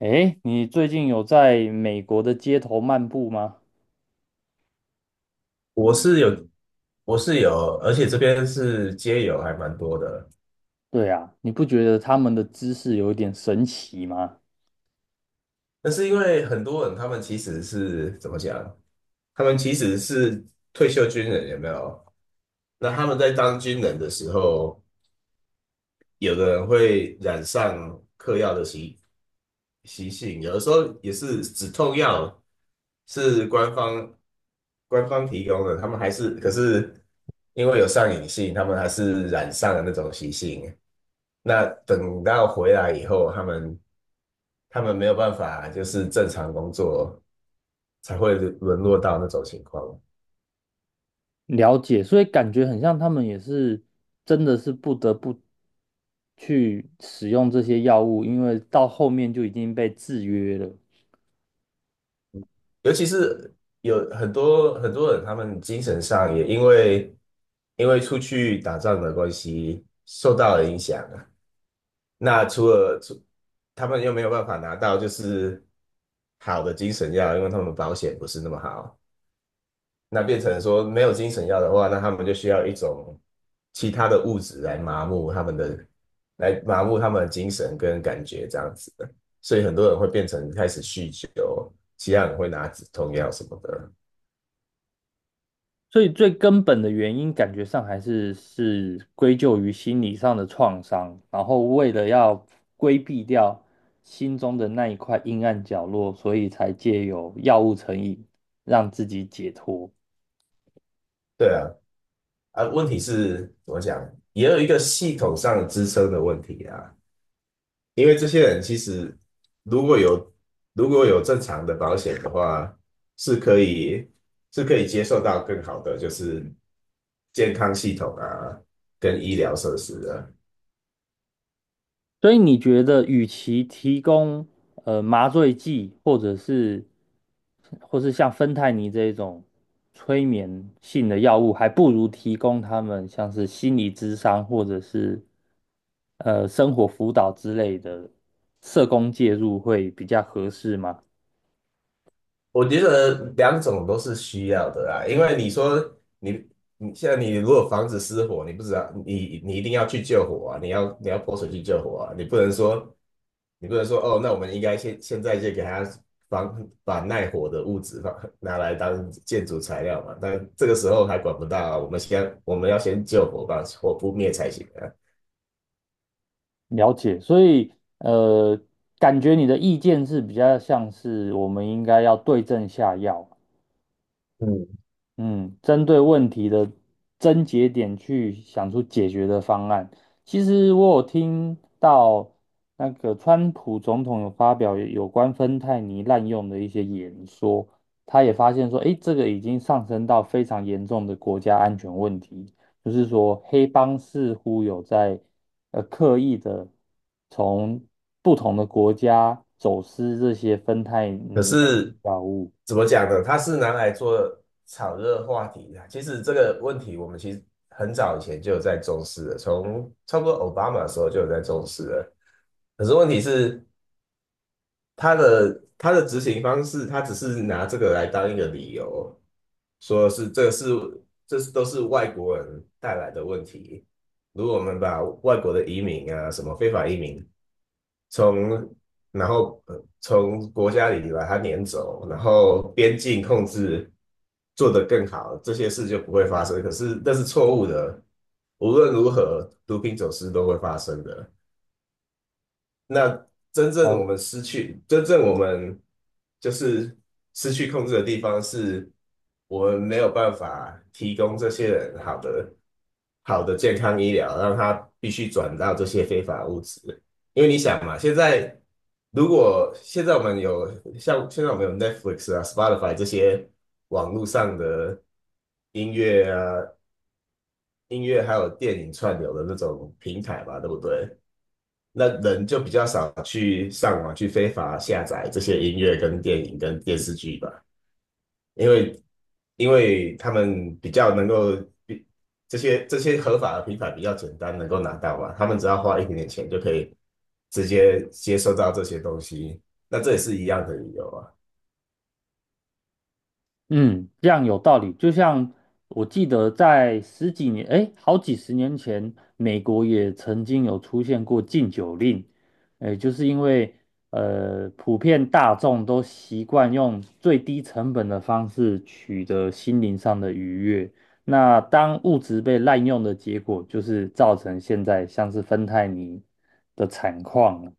诶，你最近有在美国的街头漫步吗？我是有，我是有，而且这边是街友还蛮多的。对啊，你不觉得他们的姿势有一点神奇吗？但是因为很多人他们其实是怎么讲？他们其实是退休军人，有没有？那他们在当军人的时候，有的人会染上嗑药的习性，有的时候也是止痛药是官方提供的，他们还是可是因为有上瘾性，他们还是染上了那种习性。那等到回来以后，他们没有办法就是正常工作，才会沦落到那种情况。了解，所以感觉很像他们也是真的是不得不去使用这些药物，因为到后面就已经被制约了。尤其是有很多很多人，他们精神上也因为出去打仗的关系受到了影响啊。那除了除他们又没有办法拿到就是好的精神药，因为他们保险不是那么好。那变成说没有精神药的话，那他们就需要一种其他的物质来麻木他们的，来麻木他们的精神跟感觉这样子的。所以很多人会变成开始酗酒，其他人会拿止痛药什么的。所以最根本的原因，感觉上还是归咎于心理上的创伤，然后为了要规避掉心中的那一块阴暗角落，所以才借由药物成瘾让自己解脱。对啊，啊，问题是怎么讲，也有一个系统上支撑的问题啊。因为这些人其实如果有如果有正常的保险的话，是可以是可以接受到更好的就是健康系统啊，跟医疗设施啊。所以你觉得，与其提供麻醉剂，或是像芬太尼这一种催眠性的药物，还不如提供他们像是心理咨商或者是生活辅导之类的社工介入会比较合适吗？我觉得两种都是需要的啊。因为你说你你现在你如果房子失火，你不知道你你一定要去救火啊，你要泼水去救火啊，你不能说哦，那我们应该现在就给他耐火的物质拿来当建筑材料嘛，但这个时候还管不到啊，我们要先救火，把火扑灭才行啊。了解，所以呃，感觉你的意见是比较像是我们应该要对症下药，嗯。嗯，针对问题的症结点去想出解决的方案。其实我有听到那个川普总统有发表有关芬太尼滥用的一些演说，他也发现说，诶，这个已经上升到非常严重的国家安全问题，就是说黑帮似乎有在刻意的从不同的国家走私这些芬太可尼类的是药物。怎么讲呢？它是拿来做炒热话题的。其实这个问题，我们其实很早以前就有在重视了，从差不多奥巴马的时候就有在重视了。可是问题是，他的执行方式，他只是拿这个来当一个理由，说是这是都是外国人带来的问题。如果我们把外国的移民啊，什么非法移民从然后从国家里把它撵走，然后边境控制做得更好，这些事就不会发生。可是那是错误的，无论如何，毒品走私都会发生的。那呃真正我们就是失去控制的地方是，我们没有办法提供这些人好的健康医疗，让他必须转到这些非法物质。因为你想嘛，现在如果现在我们有像现在我们有 Netflix 啊、Spotify 这些网络上的音乐啊、音乐还有电影串流的那种平台吧，对不对？那人就比较少去上网去非法下载这些音乐、跟电影、跟电视剧吧，因为因为他们比较能够比这些合法的平台比较简单能够拿到嘛，他们只要花一点点钱就可以直接接收到这些东西，那这也是一样的理由啊。嗯，这样有道理。就像我记得在十几年，哎，好几十年前，美国也曾经有出现过禁酒令，哎，就是因为普遍大众都习惯用最低成本的方式取得心灵上的愉悦。那当物质被滥用的结果，就是造成现在像是芬太尼的惨况。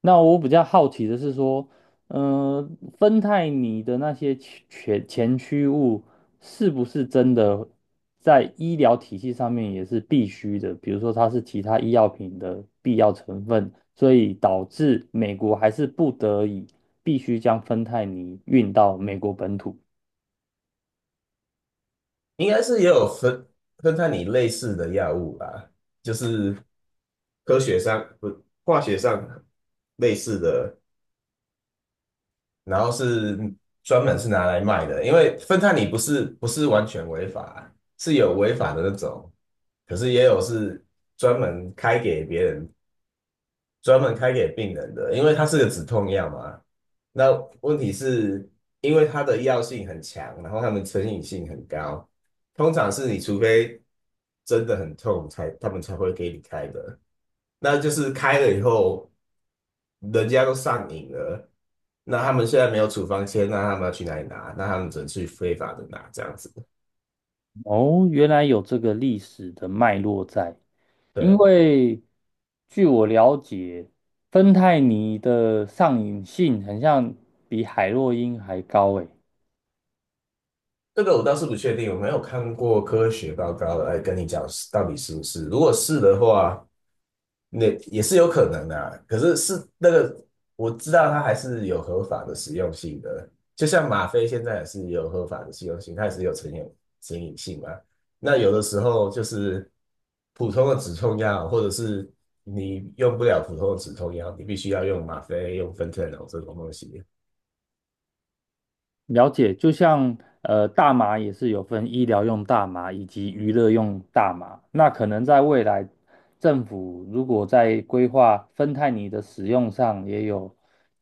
那我比较好奇的是说，呃，芬太尼的那些前驱物是不是真的在医疗体系上面也是必须的？比如说它是其他医药品的必要成分，所以导致美国还是不得已必须将芬太尼运到美国本土。应该是也有分分开你类似的药物吧，就是科学上不化学上类似的然后是专门是拿来卖的，因为芬太尼不是完全违法，是有违法的那种，可是也有是专门开给别人、专门开给病人的，因为它是个止痛药嘛。那问题是因为它的药性很强，然后它们成瘾性很高，通常是除非真的很痛才，他们才会给你开的。那就是开了以后。人家都上瘾了，那他们现在没有处方签，那他们要去哪里拿？那他们只能去非法的拿这样子。哦，原来有这个历史的脉络在，因对，为据我了解，芬太尼的上瘾性很像比海洛因还高诶。这个我倒是不确定，我没有看过科学报告来跟你讲是到底是不是。如果是的话，那也是有可能的啊，可是我知道它还是有合法的实用性的，就像吗啡现在也是有合法的实用性，它也是有成瘾性嘛。那有的时候就是普通的止痛药，或者是你用不了普通的止痛药，你必须要用吗啡、用芬太柔这种东西。了解，就像大麻也是有分医疗用大麻以及娱乐用大麻。那可能在未来，政府如果在规划芬太尼的使用上也有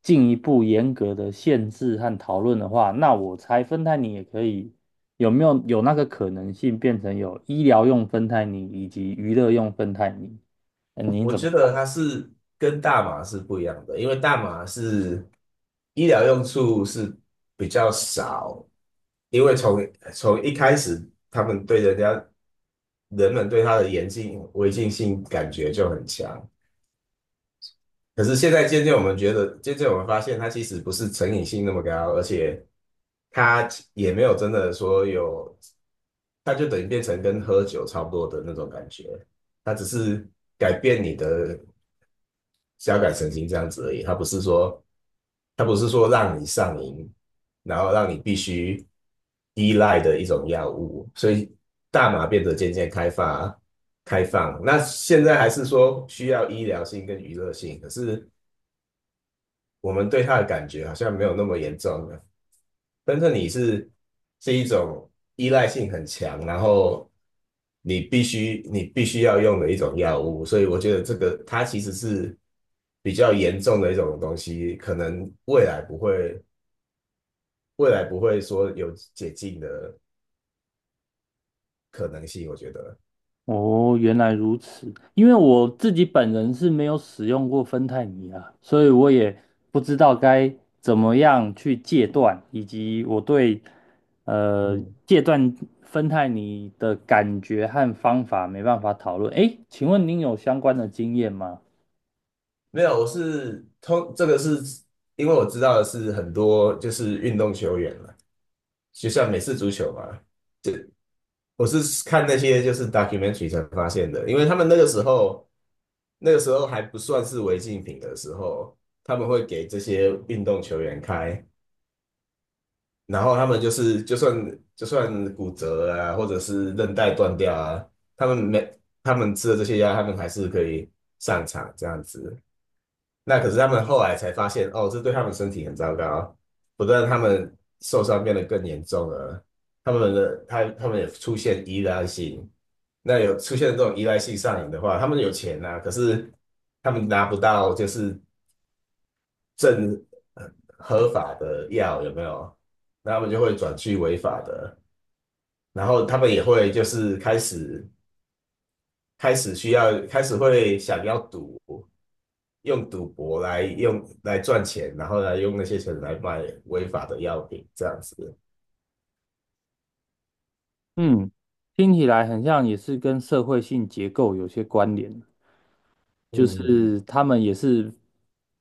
进一步严格的限制和讨论的话，那我猜芬太尼也可以有没有有那个可能性变成有医疗用芬太尼以及娱乐用芬太尼？您我怎觉么？得它是跟大麻是不一样的，因为大麻是医疗用处是比较少，因为从一开始他们对人家人们对它的严禁违禁性感觉就很强，可是现在渐渐我们觉得，渐渐我们发现它其实不是成瘾性那么高，而且它也没有真的说有，它就等于变成跟喝酒差不多的那种感觉，它只是改变你的。交感神经这样子而已，它不是说让你上瘾，然后让你必须依赖的一种药物，所以大麻变得渐渐开放。那现在还是说需要医疗性跟娱乐性，可是我们对它的感觉好像没有那么严重了。但是你是是一种依赖性很强，然后你必须要用的一种药物，所以我觉得这个它其实是比较严重的一种东西，可能未来不会说有解禁的可能性，我觉得。哦，原来如此。因为我自己本人是没有使用过芬太尼啊，所以我也不知道该怎么样去戒断，以及我对呃嗯，戒断芬太尼的感觉和方法没办法讨论。诶，请问您有相关的经验吗？没有，我是通这个是因为我知道的是很多就是运动球员了，就像美式足球嘛，我是看那些就是 documentary 才发现的，因为他们那个时候，那个时候还不算是违禁品的时候，他们会给这些运动球员开，然后他们就是就算骨折啊，或者是韧带断掉啊，他们没他们吃了这些药，他们还是可以上场这样子。那可是他们后来才发现，哦，这对他们身体很糟糕，不但他们受伤变得更严重了，他们也出现依赖性。那有出现这种依赖性上瘾的话，他们有钱呐、可是他们拿不到就是正呃合法的药，有没有？那他们就会转去违法的，然后他们也会就是开始会想要赌，用来赚钱，然后来用那些钱来卖违法的药品，这样子。嗯，听起来很像也是跟社会性结构有些关联。就嗯，是他们也是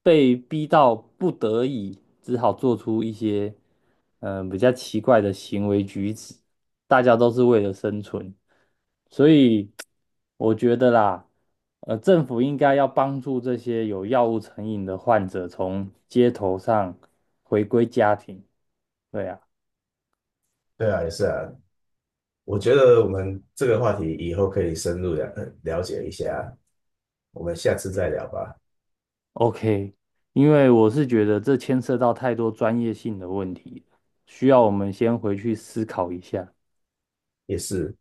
被逼到不得已，只好做出一些比较奇怪的行为举止。大家都是为了生存，所以我觉得啦，政府应该要帮助这些有药物成瘾的患者从街头上回归家庭。对啊对啊，也是啊。我觉得我们这个话题以后可以深入了呃了解一下，我们下次再聊吧。，OK，因为我是觉得这牵涉到太多专业性的问题，需要我们先回去思考一下。也是。